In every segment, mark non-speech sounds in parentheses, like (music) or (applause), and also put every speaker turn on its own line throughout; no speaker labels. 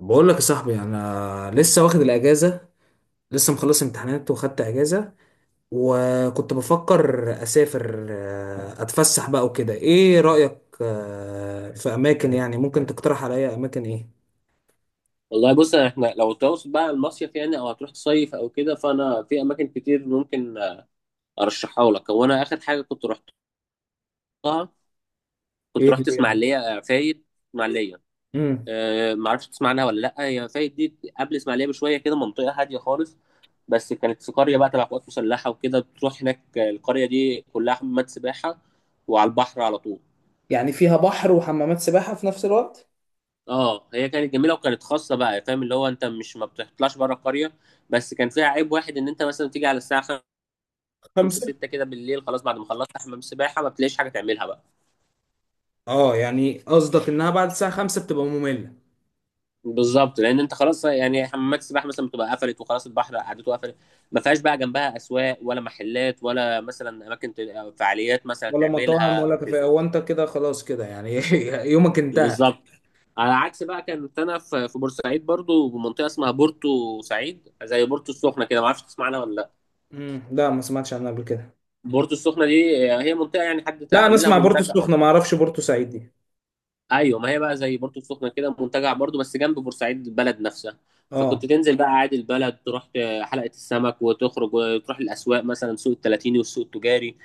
بقول لك يا صاحبي، انا لسه واخد الاجازه. لسه مخلص امتحانات وخدت اجازه. وكنت بفكر اسافر، اتفسح بقى وكده. ايه رايك في اماكن يعني ممكن تقترح عليا اماكن؟ ايه
والله بص احنا لو تقصد بقى المصيف يعني او هتروح تصيف او كده، فانا في اماكن كتير ممكن ارشحها لك. هو انا اخر حاجه كنت رحتها كنت
ايه
رحت
هي؟
اسماعيليه، فايد. اسماعيليه،
امم
ما اعرفش تسمع عنها ولا لا. هي فايد دي قبل اسماعيليه بشويه كده، منطقه هاديه خالص، بس كانت في قريه بقى تبع قوات مسلحه وكده، بتروح هناك، القريه دي كلها حمامات سباحه وعلى البحر على طول.
يعني فيها بحر وحمامات سباحة في نفس الوقت؟
اه هي كانت جميله وكانت خاصه بقى، فاهم؟ اللي هو انت مش ما بتطلعش بره القريه. بس كان فيها عيب واحد، ان انت مثلا تيجي على الساعه 5
خمسة.
6 كده بالليل، خلاص، بعد ما خلصت حمام السباحه ما بتلاقيش حاجه تعملها بقى.
اه يعني قصدك انها بعد الساعه 5 بتبقى ممله؟
بالظبط، لان انت خلاص يعني حمامات السباحه مثلا بتبقى قفلت وخلاص، البحر قعدته قفلت. ما فيهاش بقى جنبها اسواق ولا محلات ولا مثلا اماكن أو فعاليات مثلا
ولا مطاعم
تعملها
ولا
او كده.
كافيه؟ هو انت كده خلاص كده يعني (laughs) يومك انتهى.
بالظبط. على عكس بقى كانت انا في بورسعيد برضو، بمنطقه اسمها بورتو سعيد، زي بورتو السخنه كده، ما اعرفش تسمعنا ولا لا.
لا، ما سمعتش عنها قبل كده.
بورتو السخنه دي هي منطقه يعني حد
لا انا
عاملها
اسمع بورتو
منتجع.
السخنه، ما اعرفش بورتو سعيد دي.
ايوه، ما هي بقى زي بورتو السخنه كده، منتجع برضو بس جنب بورسعيد البلد نفسها. فكنت
اه،
تنزل بقى عادي البلد، تروح حلقه السمك وتخرج وتروح الاسواق، مثلا سوق التلاتيني والسوق التجاري.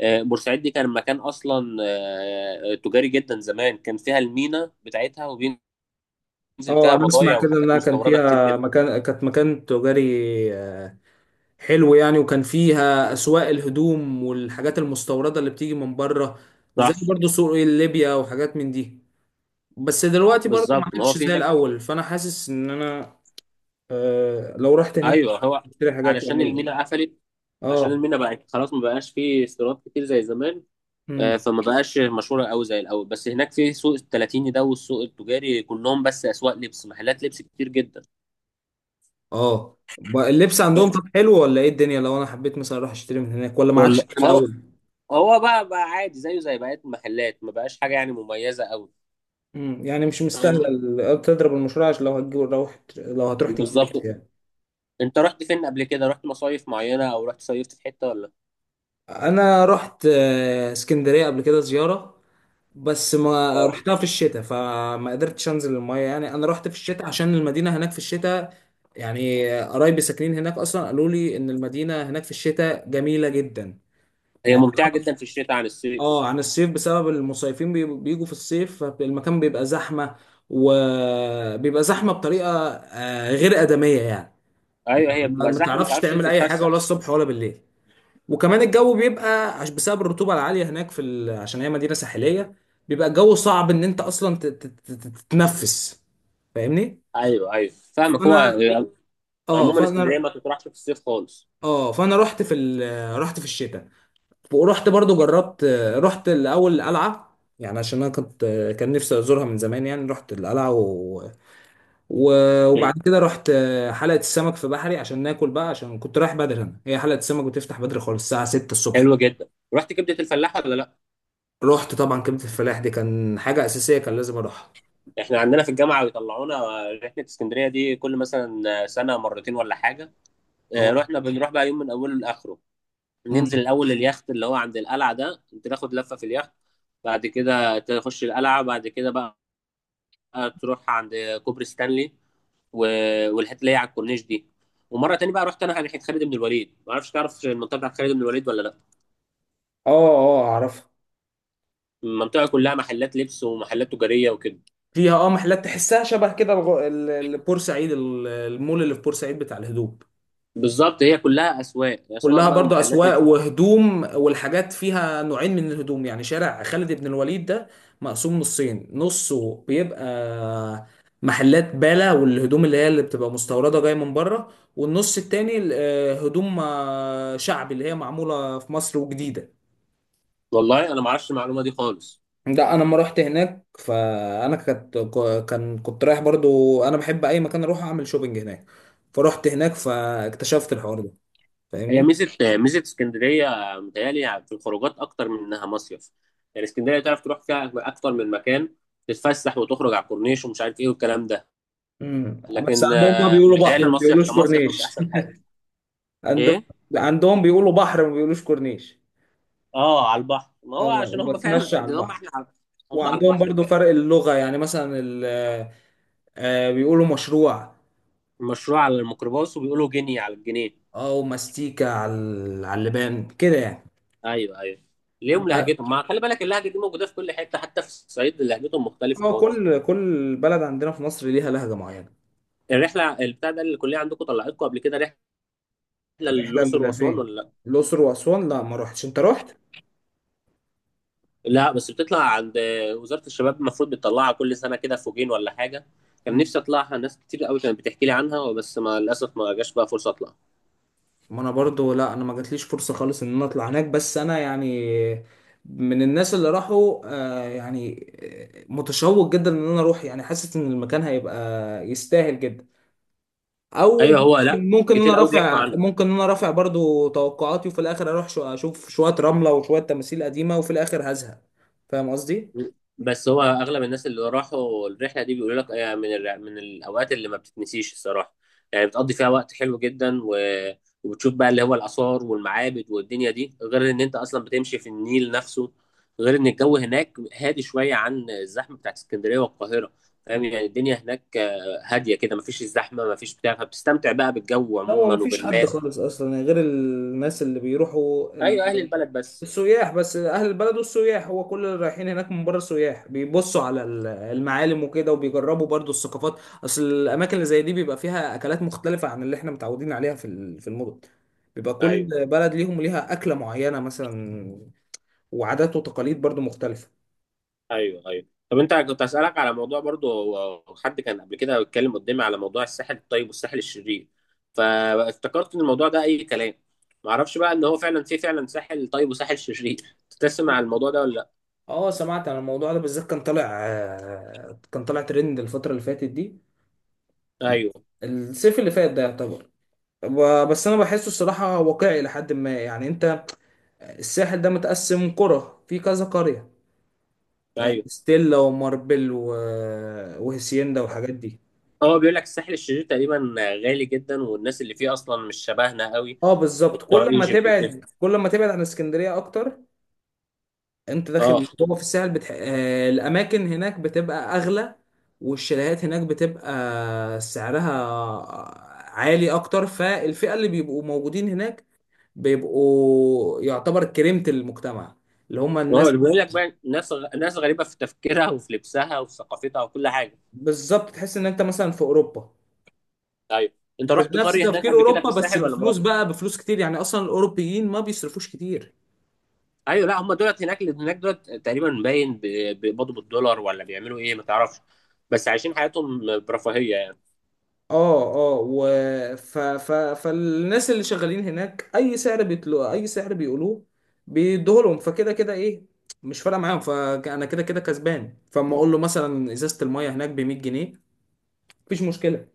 بورسعيد دي كان مكان اصلا، تجاري جدا زمان، كان فيها المينا بتاعتها وبينزل
اه
فيها
انا اسمع
بضايع
كده
وحاجات
انها كان
مستورده كتير
فيها
جدا.
مكان، كانت مكان تجاري. آه، حلو يعني، وكان فيها اسواق الهدوم والحاجات المستورده اللي بتيجي من بره. زي
صح.
برضو سوق ليبيا وحاجات من دي. بس دلوقتي برضو ما
بالظبط، ما هو
عادش
في
زي
هناك.
الاول، فانا حاسس ان انا آه لو رحت هناك
ايوه هو
اشتري حاجات
علشان
يعني.
المينا قفلت. عشان
اه.
المينا بقت خلاص ما بقاش فيه استيراد كتير زي زمان.
امم.
فما بقاش مشهوره قوي زي الاول. بس هناك في سوق التلاتيني ده والسوق التجاري كلهم بس اسواق لبس، محلات لبس كتير جدا.
اه اللبس عندهم طب حلو ولا ايه الدنيا؟ لو انا حبيت مثلا اروح اشتري من هناك ولا ما عادش
والله
زي
هو،
الاول؟
هو بقى عادي زيه زي بقيه المحلات، ما بقاش حاجه يعني مميزه قوي.
مم. يعني مش مستاهله
فاهمني.
تضرب المشروع؟ عشان لو هتجيب، لو لو هتروح تجيب لبس
بالظبط.
يعني.
انت رحت فين قبل كده؟ رحت مصايف معينه او رحت صيفت في حته ولا؟
انا رحت اسكندريه قبل كده زياره. بس ما
اه
رحتها في الشتاء، فما قدرتش انزل المايه يعني. انا رحت في الشتاء عشان المدينه هناك في الشتاء يعني. قرايبي ساكنين هناك اصلا، قالوا لي ان المدينه هناك في الشتاء جميله جدا.
هي
اه.
ممتعه جدا في الشتاء عن الصيف.
عن الصيف بسبب المصيفين بيجوا في الصيف، فالمكان بيبقى زحمه. وبيبقى زحمه بطريقه غير ادميه يعني.
ايوه هي
ما
بتبقى
ما
زحمه ما
تعرفش
بتعرفش
تعمل اي حاجه
تتفسح.
ولا الصبح ولا بالليل. وكمان الجو بيبقى بسبب الرطوبه العاليه هناك في عشان هي مدينه ساحليه، بيبقى الجو صعب ان انت اصلا تتنفس. فاهمني؟
ايوه ايوه فاهمك. هو
فانا، اه
عموما
فانا،
اسكندريه ما تطرحش في الصيف خالص.
اه فانا رحت في رحت في الشتاء. ورحت برضو جربت. رحت الاول القلعه يعني، عشان انا كنت، كان نفسي ازورها من زمان يعني. رحت القلعه وبعد كده رحت حلقة السمك في بحري عشان ناكل بقى، عشان كنت رايح بدري. انا هي حلقة السمك بتفتح بدري خالص الساعة 6 الصبح.
حلوه جدا. رحت كبده الفلاح ولا لا؟
رحت طبعا، كبدة الفلاح دي كان حاجة أساسية، كان لازم أروحها.
احنا عندنا في الجامعه بيطلعونا رحله اسكندريه دي كل مثلا سنه مرتين ولا حاجه. اه،
اه.
رحنا بنروح بقى يوم من اوله لاخره.
امم.
ننزل الاول اليخت اللي هو عند القلعه ده، انت تاخد لفه في اليخت. بعد كده تخش القلعه، بعد كده بقى تروح عند كوبري ستانلي و... والحته اللي هي على الكورنيش دي. ومره تاني بقى رحت انا على ناحيه خالد بن الوليد، ما اعرفش تعرف المنطقه بتاعت خالد بن الوليد ولا لا.
اه. اه أعرفها.
المنطقه كلها محلات لبس ومحلات تجاريه وكده.
فيها اه محلات تحسها شبه كده بورسعيد، المول اللي في بورسعيد بتاع الهدوم.
بالظبط، هي كلها اسواق، اسواق
كلها
بقى
برضو
ومحلات
أسواق
لبس.
وهدوم والحاجات. فيها نوعين من الهدوم يعني. شارع خالد بن الوليد ده مقسوم نصين. نصه بيبقى محلات بالا والهدوم اللي هي اللي بتبقى مستوردة جاية من بره، والنص التاني هدوم شعبي اللي هي معمولة في مصر وجديدة.
والله انا ما اعرفش المعلومه دي خالص.
ده انا لما رحت هناك فانا كنت، كان كنت رايح برضو. انا بحب اي مكان اروح اعمل شوبينج هناك. فرحت هناك فاكتشفت الحوار ده.
هي
فاهمني؟
ميزه، ميزه اسكندريه متهيألي في الخروجات اكتر من انها مصيف. يعني اسكندريه تعرف تروح فيها اكتر من مكان، تتفسح وتخرج على الكورنيش ومش عارف ايه والكلام ده.
امم بس
لكن
عندهم بقى بيقولوا
متهيألي
بحر، ما
المصيف
بيقولوش
كمصيف مش
كورنيش.
احسن حاجه.
(laughs) عندهم،
ايه؟
عندهم بيقولوا بحر ما بيقولوش كورنيش.
اه على البحر. ما هو
اه.
عشان هم فعلا،
وبتمشى على البحر.
هم على
وعندهم
البحر
برضو
فعلا.
فرق اللغة يعني. مثلا آه بيقولوا مشروع،
المشروع على الميكروباص، وبيقولوا جنيه على الجنيه.
او ماستيكا على على اللبان كده يعني.
ايوه ايوه. ليهم
أما-
لهجتهم، ما خلي بالك اللهجه دي موجوده في كل حته، حتى في الصعيد لهجتهم مختلفه
اه
خالص.
كل بلد عندنا في مصر ليها لهجة معينة.
الرحله البتاع ده اللي الكليه عندكم طلعتكم قبل كده رحله
احنا
للاقصر
اللي
واسوان
فين؟
ولا لا؟
الأقصر وأسوان، لا ما روحتش. انت روحت؟
لا، بس بتطلع عند وزاره الشباب، المفروض بتطلعها كل سنه كده فوجين ولا حاجه. كان نفسي اطلعها، ناس كتير قوي كانت بتحكي لي عنها بس ما للاسف ما جاش بقى فرصه اطلع.
ما انا برضو، لا انا ما جاتليش فرصة خالص ان انا اطلع هناك. بس انا يعني من الناس اللي راحوا، يعني متشوق جدا ان انا اروح. يعني حاسس ان المكان هيبقى يستاهل جدا. او
ايوه هو، لا كتير قوي بيحكوا عنه.
ممكن ان انا رافع برضو توقعاتي، وفي الاخر اروح اشوف شوية رملة وشوية تماثيل قديمة، وفي الاخر هزهق. فاهم قصدي؟
بس هو اغلب الناس اللي راحوا الرحله دي بيقولوا لك، من الاوقات اللي ما بتتنسيش الصراحه. يعني بتقضي فيها وقت حلو جدا و... وبتشوف بقى اللي هو الاثار والمعابد والدنيا دي، غير ان انت اصلا بتمشي في النيل نفسه، غير ان الجو هناك هادي شويه عن الزحمه بتاعت اسكندريه والقاهره. فاهم؟
مم.
يعني الدنيا هناك هاديه كده، مفيش الزحمه مفيش بتاع، فبتستمتع بقى بالجو
لا هو
عموما
مفيش حد
وبالناس.
خالص اصلا غير الناس اللي بيروحوا،
ايوه اهل البلد بس.
السياح بس، اهل البلد والسياح. هو كل اللي رايحين هناك من بره سياح، بيبصوا على المعالم وكده، وبيجربوا برضو الثقافات. اصل الاماكن اللي زي دي بيبقى فيها اكلات مختلفة عن اللي احنا متعودين عليها في في المدن. بيبقى كل
ايوه
بلد ليها اكلة معينة مثلا، وعادات وتقاليد برضو مختلفة.
ايوه ايوه. طب انت كنت اسالك على موضوع برضو. هو حد كان قبل كده بيتكلم قدامي على موضوع الساحل الطيب والساحل الشرير، فافتكرت ان الموضوع ده اي كلام، ما اعرفش بقى ان هو فعلا في فعلا ساحل طيب وساحل شرير (laughs) تسمع على الموضوع ده ولا لا؟
اه، سمعت عن الموضوع ده. بالذات كان طالع، كان طالع ترند الفترة اللي فاتت دي،
ايوه
الصيف اللي فات ده يعتبر. بس انا بحسه الصراحة واقعي لحد ما يعني. انت الساحل ده متقسم قرى، في كذا قرية:
ايوه.
ستيلا وماربل وهسيندا والحاجات دي.
هو بيقول لك الساحل الشرير تقريبا غالي جدا، والناس اللي فيه اصلا مش شبهنا قوي
اه بالظبط،
وبتوع ايجيبت وكده.
كل ما تبعد عن اسكندرية اكتر، انت
اه.
داخل جوه في الساحل آه الاماكن هناك بتبقى اغلى. والشاليهات هناك بتبقى سعرها عالي اكتر. فالفئة اللي بيبقوا موجودين هناك بيبقوا يعتبر كريمة المجتمع، اللي هم
هو
الناس.
بيقول لك بقى ناس ناس غريبه في تفكيرها وفي لبسها وفي ثقافتها وكل حاجه.
بالظبط، تحس ان انت مثلا في اوروبا.
ايوه. انت رحت
بنفس
قريه هناك
تفكير
قبل كده في
اوروبا بس
الساحل ولا
بفلوس
ما؟
بقى، بفلوس كتير يعني. اصلا الاوروبيين ما بيصرفوش كتير.
ايوه لا، هم دولت هناك، اللي هناك دولت تقريبا باين بيقبضوا بالدولار ولا بيعملوا ايه ما تعرفش، بس عايشين حياتهم برفاهيه يعني.
اه، اه. فالناس اللي شغالين هناك اي سعر بيطلو اي سعر بيقولوه بيدوه لهم، فكده كده ايه، مش فارقه معاهم. فانا كده كده كسبان، فاما اقول له مثلا ازازه الميه هناك ب 100 جنيه، مفيش مشكله.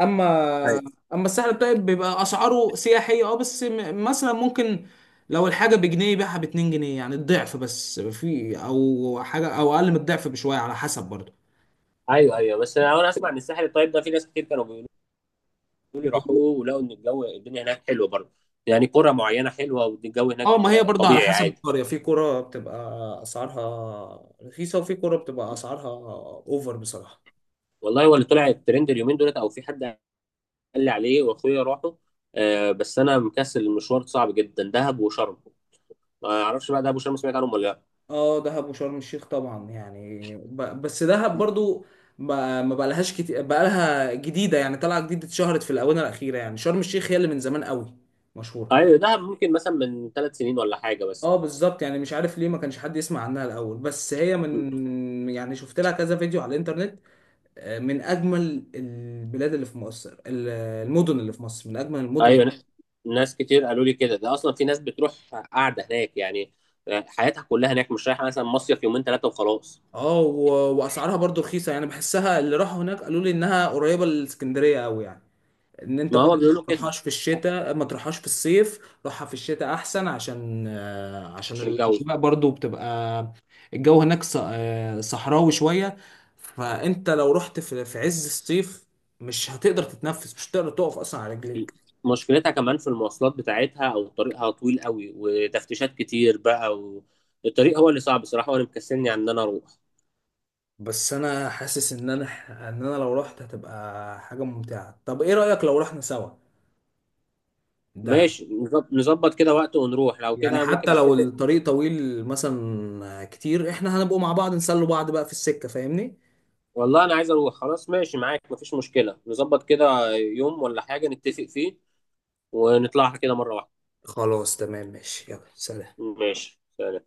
اما
ايوه
اما الساحل الطيب بيبقى اسعاره سياحيه، اه. بس مثلا ممكن لو الحاجه بجنيه يبيعها ب 2 جنيه يعني الضعف بس، في او حاجه او اقل من الضعف بشويه، على حسب برضه.
ايوه ايوه. بس انا اسمع ان الساحل الطيب ده في ناس كتير كانوا بيقولوا لي
بيقولوا-
روحوه ولقوا ان الجو، الدنيا هناك حلوه برضه. يعني قرى معينه حلوه والجو هناك
اه ما هي برضه على
طبيعي
حسب
عادي.
القريه. في قرى بتبقى اسعارها رخيصه، وفي قرى بتبقى اسعارها اوفر بصراحه.
والله هو اللي طلع الترند اليومين دولت، او في حد قال لي عليه، واخويا راحوا. آه، بس انا مكسل، المشوار صعب جدا، دهب وشرم. ما اعرفش بقى دهب وشرم سمعت عنهم ولا لا؟
اه دهب وشرم الشيخ طبعا يعني بس دهب برضو ما بقى لهاش كتير، بقى لها جديده يعني، طالعه جديده، اتشهرت في الاونه الاخيره يعني. شرم الشيخ هي اللي من زمان قوي مشهوره.
ايوه، دهب ممكن مثلا من 3 سنين ولا حاجه بس.
اه بالظبط، يعني مش عارف ليه ما كانش حد يسمع عنها الاول. بس هي من يعني، شفت لها كذا فيديو على الانترنت. من اجمل البلاد اللي في مصر، المدن اللي في مصر من اجمل المدن.
ايوه، ناس كتير قالوا لي كده، ده اصلا في ناس بتروح قاعده هناك يعني، حياتها كلها هناك، مش رايحه مثلا مصيف يومين ثلاثه وخلاص.
اه واسعارها برضو رخيصه يعني. بحسها، اللي راحوا هناك قالوا لي انها قريبه للاسكندريه قوي يعني. ان انت
ما هو
برضو ما
بيقولوا كده
تروحهاش في الشتاء، ما تروحهاش في الصيف. روحها في الشتاء احسن، عشان عشان
عشان الجو.
الاجواء برضو بتبقى، الجو هناك صحراوي شوية. فانت لو رحت في عز الصيف مش هتقدر تتنفس، مش هتقدر تقف اصلا على رجليك.
مشكلتها كمان في المواصلات بتاعتها، او طريقها طويل قوي وتفتيشات كتير بقى، والطريق هو اللي صعب بصراحه، وانا مكسلني عن ان انا اروح.
بس انا حاسس ان انا، لو رحت هتبقى حاجة ممتعة. طب ايه رأيك لو رحنا سوا دهب؟
ماشي نظبط كده وقت ونروح، لو
يعني
كده ممكن
حتى لو
نتفق.
الطريق طويل مثلا كتير، احنا هنبقوا مع بعض نسلوا بعض بقى في السكة. فاهمني؟
والله انا عايز اروح خلاص، ماشي معاك مفيش مشكله، نظبط كده يوم ولا حاجه نتفق فيه ونطلعها كده مره واحده.
خلاص تمام ماشي، يلا سلام.
ماشي سلام.